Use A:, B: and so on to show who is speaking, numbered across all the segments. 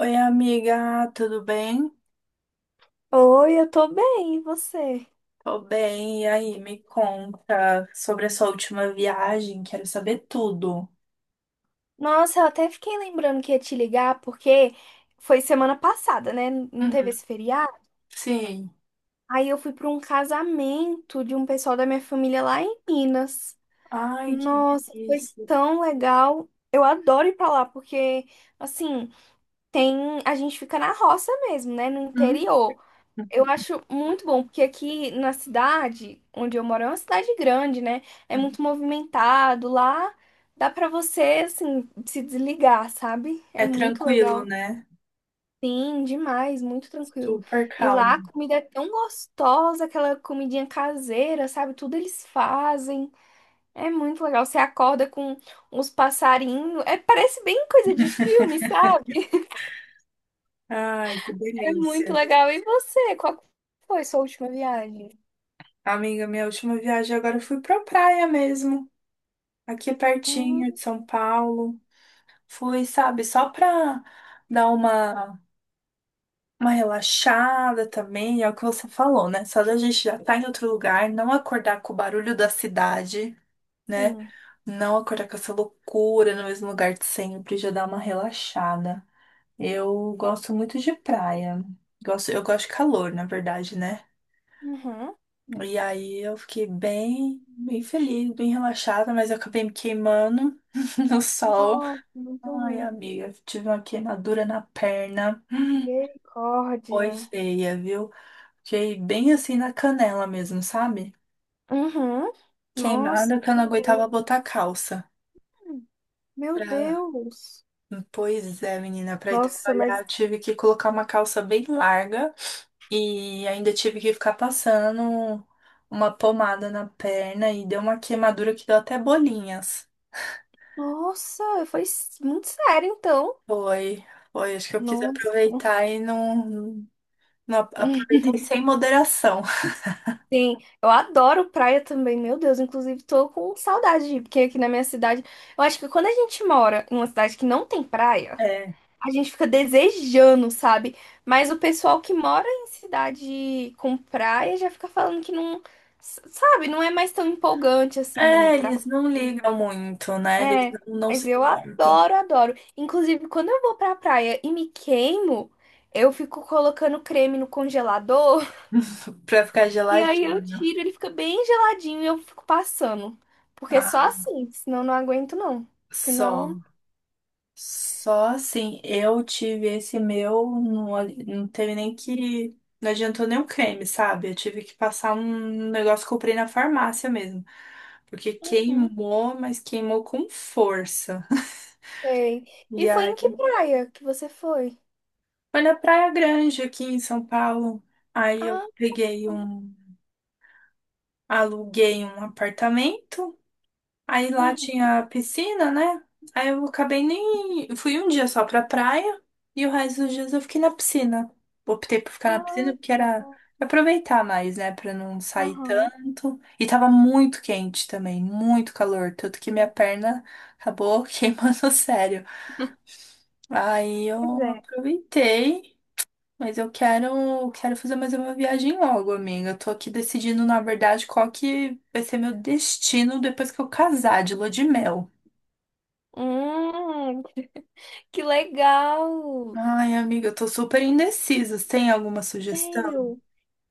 A: Oi, amiga, tudo bem?
B: Oi, eu tô bem, e você?
A: Tô bem, e aí, me conta sobre a sua última viagem, quero saber tudo.
B: Nossa, eu até fiquei lembrando que ia te ligar porque foi semana passada, né? Não teve
A: Uhum.
B: esse feriado.
A: Sim.
B: Aí eu fui pra um casamento de um pessoal da minha família lá em Minas.
A: Ai, que
B: Nossa, foi
A: delícia.
B: tão legal. Eu adoro ir pra lá porque, assim, tem a gente fica na roça mesmo, né? No
A: Uhum.
B: interior.
A: Uhum.
B: Eu acho muito bom, porque aqui na cidade onde eu moro é uma cidade grande, né? É muito movimentado. Lá dá pra você, assim, se desligar, sabe? É
A: É
B: muito
A: tranquilo,
B: legal.
A: né?
B: Sim, demais, muito tranquilo.
A: Super
B: E lá a
A: calmo.
B: comida é tão gostosa, aquela comidinha caseira, sabe? Tudo eles fazem. É muito legal. Você acorda com uns passarinhos. É, parece bem coisa de filme, sabe?
A: Ai, que
B: É muito
A: delícia.
B: legal. E você, qual foi sua última viagem?
A: Amiga, minha última viagem agora eu fui pra praia mesmo, aqui pertinho
B: Hum,
A: de São Paulo. Fui, sabe, só pra dar uma relaxada também, é o que você falou, né? Só da gente já estar em outro lugar, não acordar com o barulho da cidade, né?
B: sim.
A: Não acordar com essa loucura no mesmo lugar de sempre, já dá uma relaxada. Eu gosto muito de praia. Eu gosto de calor, na verdade, né?
B: Uhum.
A: E aí eu fiquei bem, bem feliz, bem relaxada, mas eu acabei me queimando no sol.
B: Nossa, muito
A: Ai,
B: ruim.
A: amiga, tive uma queimadura na perna. Foi
B: Misericórdia.
A: feia, viu? Fiquei bem assim na canela mesmo, sabe?
B: Uhum. Nossa,
A: Queimada que eu
B: que
A: não aguentava
B: horror.
A: botar calça.
B: Meu
A: Pra...
B: Deus.
A: Pois é, menina, pra ir
B: Nossa,
A: trabalhar
B: mas.
A: eu tive que colocar uma calça bem larga e ainda tive que ficar passando uma pomada na perna e deu uma queimadura que deu até bolinhas.
B: Nossa, muito sério, então.
A: Foi, foi, acho que eu quis
B: Nossa.
A: aproveitar e não
B: Hum,
A: aproveitei sem moderação.
B: Sim, eu adoro praia também, meu Deus. Inclusive, tô com saudade de ir, porque aqui na minha cidade, eu acho que quando a gente mora em uma cidade que não tem praia,
A: É.
B: a gente fica desejando, sabe? Mas o pessoal que mora em cidade com praia já fica falando que não, sabe, não é mais tão empolgante assim ir
A: É,
B: pra.
A: eles não ligam muito, né? Eles
B: É,
A: não
B: mas
A: se
B: eu
A: importam.
B: adoro, adoro. Inclusive, quando eu vou pra praia e me queimo, eu fico colocando creme no congelador
A: Pra ficar
B: e aí eu
A: geladinho.
B: tiro, ele fica bem geladinho e eu fico passando. Porque só
A: Ah,
B: assim, senão não aguento não.
A: só.
B: Senão,
A: Só assim, eu tive esse meu, não, não teve nem que. Não adiantou nem o creme, sabe? Eu tive que passar um negócio que eu comprei na farmácia mesmo. Porque
B: uhum,
A: queimou, mas queimou com força.
B: sei. E
A: E
B: foi em que
A: aí,
B: praia que você foi?
A: foi na Praia Grande, aqui em São Paulo. Aí eu
B: Ah.
A: peguei um. Aluguei um apartamento. Aí lá
B: Uhum.
A: tinha piscina, né? Aí eu acabei nem. Fui um dia só pra praia e o resto dos dias eu fiquei na piscina. Optei por ficar na piscina
B: Ah,
A: porque era
B: tá.
A: aproveitar mais, né? Pra não sair
B: Aham,
A: tanto. E tava muito quente também, muito calor. Tanto que minha perna acabou queimando sério. Aí eu
B: pois é.
A: aproveitei. Mas eu quero fazer mais uma viagem logo, amiga. Eu tô aqui decidindo, na verdade, qual que vai ser meu destino depois que eu casar de lua de mel.
B: Hum, que legal!
A: Ai, amiga, eu tô super indecisa. Você tem alguma sugestão?
B: Sério?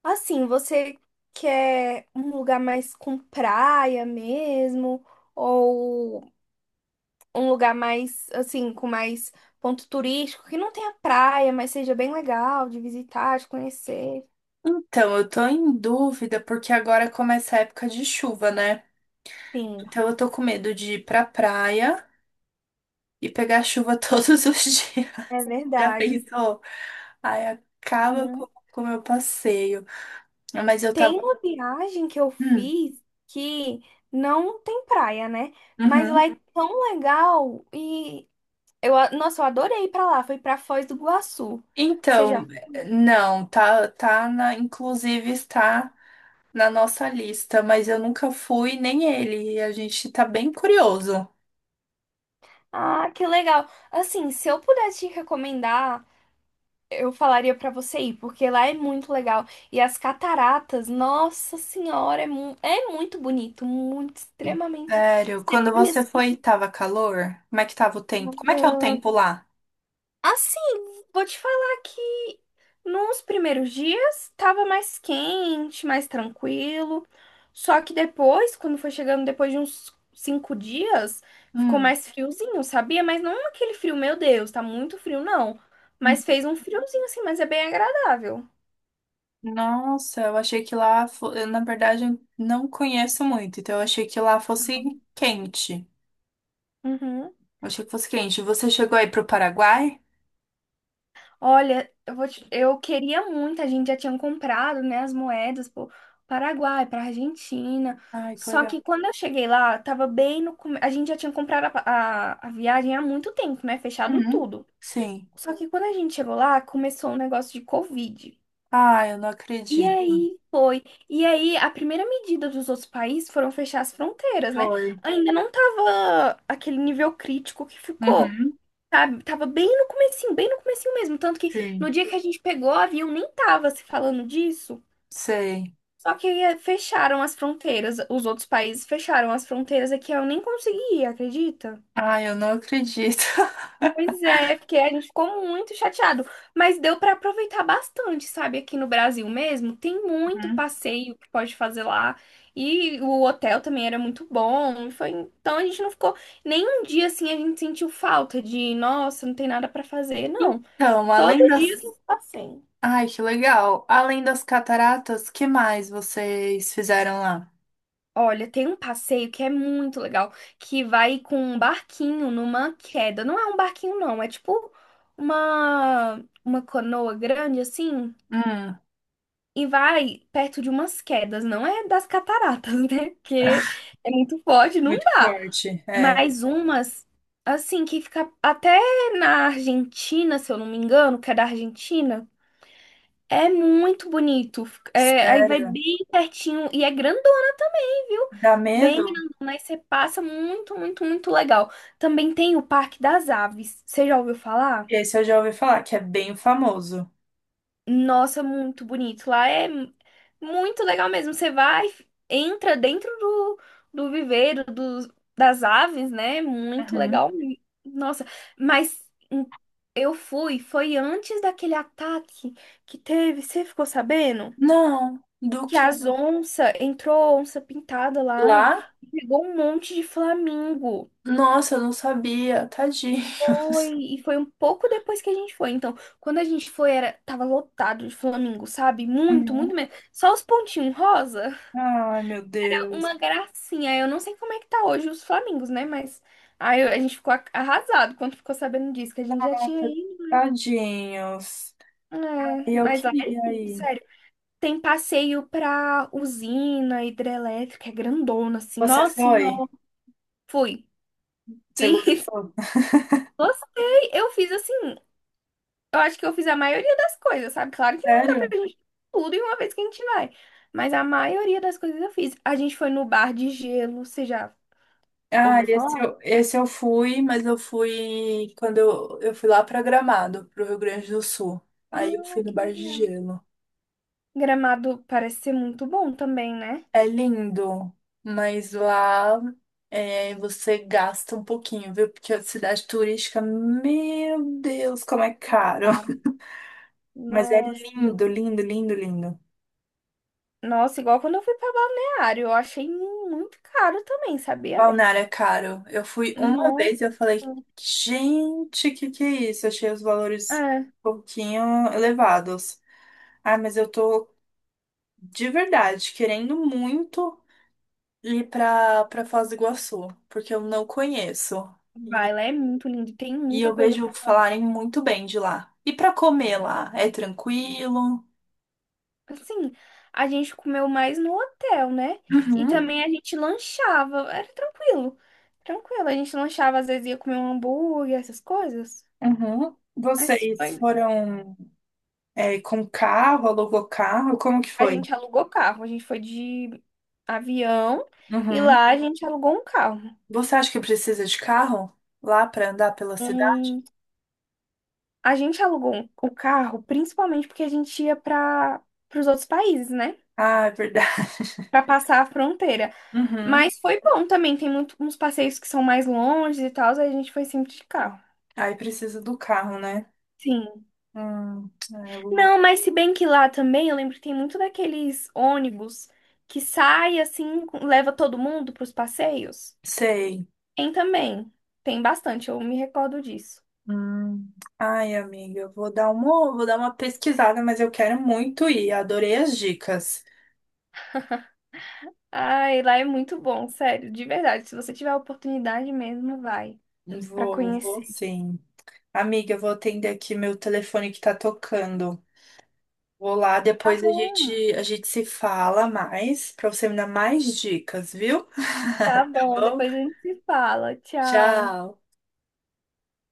B: Assim, você quer um lugar mais com praia mesmo? Ou um lugar mais, assim, com mais ponto turístico, que não tenha praia, mas seja bem legal de visitar, de conhecer?
A: Então, eu tô em dúvida porque agora começa a época de chuva, né?
B: Sim,
A: Então eu tô com medo de ir pra praia e pegar chuva todos os dias.
B: é
A: Já
B: verdade.
A: pensou? Ai, acaba com
B: Uhum.
A: com o meu passeio. Mas eu tava.
B: Tem uma viagem que eu
A: Hum,
B: fiz que não tem praia, né? Mas lá
A: uhum.
B: é tão legal e nossa, eu adorei ir pra lá. Foi pra Foz do Iguaçu.
A: Então,
B: Seja,
A: não, tá na, inclusive está na nossa lista, mas eu nunca fui, nem ele. E a gente tá bem curioso.
B: ah, que legal. Assim, se eu pudesse te recomendar, eu falaria pra você ir, porque lá é muito legal. E as cataratas, nossa senhora, é, é muito bonito, muito extremamente.
A: Sério,
B: Você
A: quando
B: olha
A: você foi, tava calor? Como é que tava o tempo? Como é que é o
B: assim,
A: tempo lá?
B: assim, vou te falar que nos primeiros dias tava mais quente, mais tranquilo. Só que depois, quando foi chegando depois de uns 5 dias, ficou
A: Hum.
B: mais friozinho, sabia? Mas não aquele frio, meu Deus, tá muito frio, não. Mas
A: Hum.
B: fez um friozinho assim, mas é bem agradável.
A: Nossa, eu achei que lá, eu, na verdade, eu não conheço muito, então eu achei que lá fosse quente.
B: Uhum.
A: Eu achei que fosse quente. Você chegou aí pro Paraguai?
B: Olha, eu queria muito, a gente já tinha comprado, né, as moedas pro Paraguai, pra Argentina.
A: Ai, que
B: Só
A: legal.
B: que quando eu cheguei lá, tava bem no come... a gente já tinha comprado a viagem há muito tempo, né, fechado
A: Uhum.
B: tudo.
A: Sim.
B: Só que quando a gente chegou lá, começou um negócio de Covid.
A: Ai, eu não
B: E
A: acredito.
B: aí, e aí a primeira medida dos outros países foram fechar as fronteiras, né?
A: Foi.
B: Ainda não tava aquele nível crítico que ficou,
A: Uhum.
B: sabe? Tava bem no comecinho mesmo. Tanto que no
A: Sim.
B: dia que a gente pegou o avião, nem tava se falando disso.
A: Sei.
B: Só que fecharam as fronteiras, os outros países fecharam as fronteiras aqui, eu nem consegui ir, acredita?
A: Ai, eu não acredito.
B: Pois é, porque a gente ficou muito chateado, mas deu pra aproveitar bastante, sabe? Aqui no Brasil mesmo, tem muito
A: Uhum.
B: passeio que pode fazer lá, e o hotel também era muito bom, foi, então a gente não ficou, nem um dia assim a gente sentiu falta de, nossa, não tem nada pra fazer, não.
A: Então, além
B: Todo dia
A: das.
B: tem um passeio.
A: Ai, que legal. Além das cataratas, que mais vocês fizeram lá?
B: Olha, tem um passeio que é muito legal, que vai com um barquinho numa queda. Não é um barquinho, não, é tipo uma canoa grande assim,
A: Hum.
B: e vai perto de umas quedas. Não é das cataratas, né? Porque é muito forte, não
A: Muito
B: dá.
A: forte. É.
B: Mas umas, assim, que fica até na Argentina, se eu não me engano, que é da Argentina. É muito bonito. É, aí vai
A: Sé-
B: bem pertinho e é grande, viu?
A: Dá
B: Bem,
A: medo?
B: mas você passa muito, muito, muito legal. Também tem o Parque das Aves. Você já ouviu falar?
A: Esse eu já ouvi falar, que é bem famoso.
B: Nossa, muito bonito. Lá é muito legal mesmo. Você vai, entra dentro do, do viveiro dos, das aves, né? Muito
A: Uhum.
B: legal. Nossa, mas hum, eu fui, foi antes daquele ataque que teve, você ficou sabendo?
A: Não, do
B: Que
A: que?
B: as onças, entrou onça pintada lá
A: Lá?
B: e pegou um monte de flamingo.
A: Nossa, eu não sabia.
B: Foi,
A: Tadinhos.
B: e foi um pouco depois que a gente foi. Então, quando a gente foi, era, tava lotado de flamingo, sabe? Muito, muito
A: Uhum.
B: mesmo. Só os pontinhos rosa.
A: Ai, meu
B: Era
A: Deus.
B: uma gracinha. Eu não sei como é que tá hoje os flamingos, né? Mas aí a gente ficou arrasado quando ficou sabendo disso, que a gente já tinha
A: Nossa,
B: ido.
A: tadinhos.
B: É,
A: E eu
B: mas lá é
A: queria
B: lindo,
A: ir.
B: sério. Tem passeio pra usina hidrelétrica, é grandona, assim.
A: Você
B: Nossa, não.
A: foi?
B: Fui.
A: Você
B: Fiz.
A: gostou?
B: Gostei. Eu fiz assim. Eu acho que eu fiz a maioria das coisas, sabe? Claro que não dá pra
A: Sério?
B: gente fazer tudo em uma vez que a gente vai. Mas a maioria das coisas eu fiz. A gente foi no bar de gelo, você já
A: Ah,
B: ouviu
A: esse
B: falar?
A: eu, esse eu fui, mas eu fui quando eu fui lá para Gramado, pro Rio Grande do Sul. Aí eu
B: Ah,
A: fui no
B: que
A: Bar de
B: legal.
A: Gelo.
B: Gramado parece ser muito bom também, né?
A: É lindo, mas lá é, você gasta um pouquinho, viu? Porque a cidade turística, meu Deus, como é
B: Ai, que
A: caro.
B: caro.
A: Mas é
B: Nossa.
A: lindo, lindo, lindo, lindo.
B: Nossa, igual quando eu fui pra Balneário, eu achei muito caro também, sabia?
A: Balneário é caro. Eu fui uma vez e eu
B: Nossa.
A: falei, gente, que é isso? Achei os valores
B: É.
A: um pouquinho elevados. Ah, mas eu tô de verdade, querendo muito ir pra, Foz do Iguaçu, porque eu não conheço.
B: Vai,
A: E,
B: lá é muito lindo, tem
A: e
B: muita
A: eu
B: coisa
A: vejo
B: pra.
A: falarem muito bem de lá. E pra comer lá, é tranquilo?
B: Assim, a gente comeu mais no hotel, né? E
A: Uhum,
B: também a gente lanchava, era tranquilo. Tranquilo, a gente lanchava, às vezes ia comer um hambúrguer, essas coisas.
A: uhum.
B: Mas
A: Vocês foram, com carro, alugou carro? Como que
B: a
A: foi?
B: gente alugou carro, a gente foi de avião e
A: Uhum.
B: lá a gente alugou um carro.
A: Você acha que precisa de carro lá pra andar pela cidade?
B: Hum, a gente alugou o carro principalmente porque a gente ia para os outros países, né?
A: Ah, é verdade.
B: Para passar a fronteira.
A: Uhum.
B: Mas foi bom também, tem muito, uns passeios que são mais longe e tal, aí a gente foi sempre de carro.
A: Aí precisa do carro, né?
B: Sim.
A: Hum, eu.
B: Não, mas se bem que lá também, eu lembro que tem muito daqueles ônibus que sai assim, leva todo mundo para os passeios.
A: Sei.
B: Tem também. Tem bastante, eu me recordo disso.
A: Hum. Ai, amiga, eu vou dar uma, pesquisada, mas eu quero muito ir. Adorei as dicas.
B: Ai, lá é muito bom, sério, de verdade. Se você tiver a oportunidade mesmo, vai para
A: Vou
B: conhecer.
A: sim. Amiga, eu vou atender aqui meu telefone que tá tocando. Vou lá,
B: Tá
A: depois a
B: bom.
A: gente, a gente se fala mais, pra você me dar mais dicas, viu?
B: Tá
A: Tá
B: bom,
A: bom?
B: depois a gente se fala. Tchau.
A: Tchau.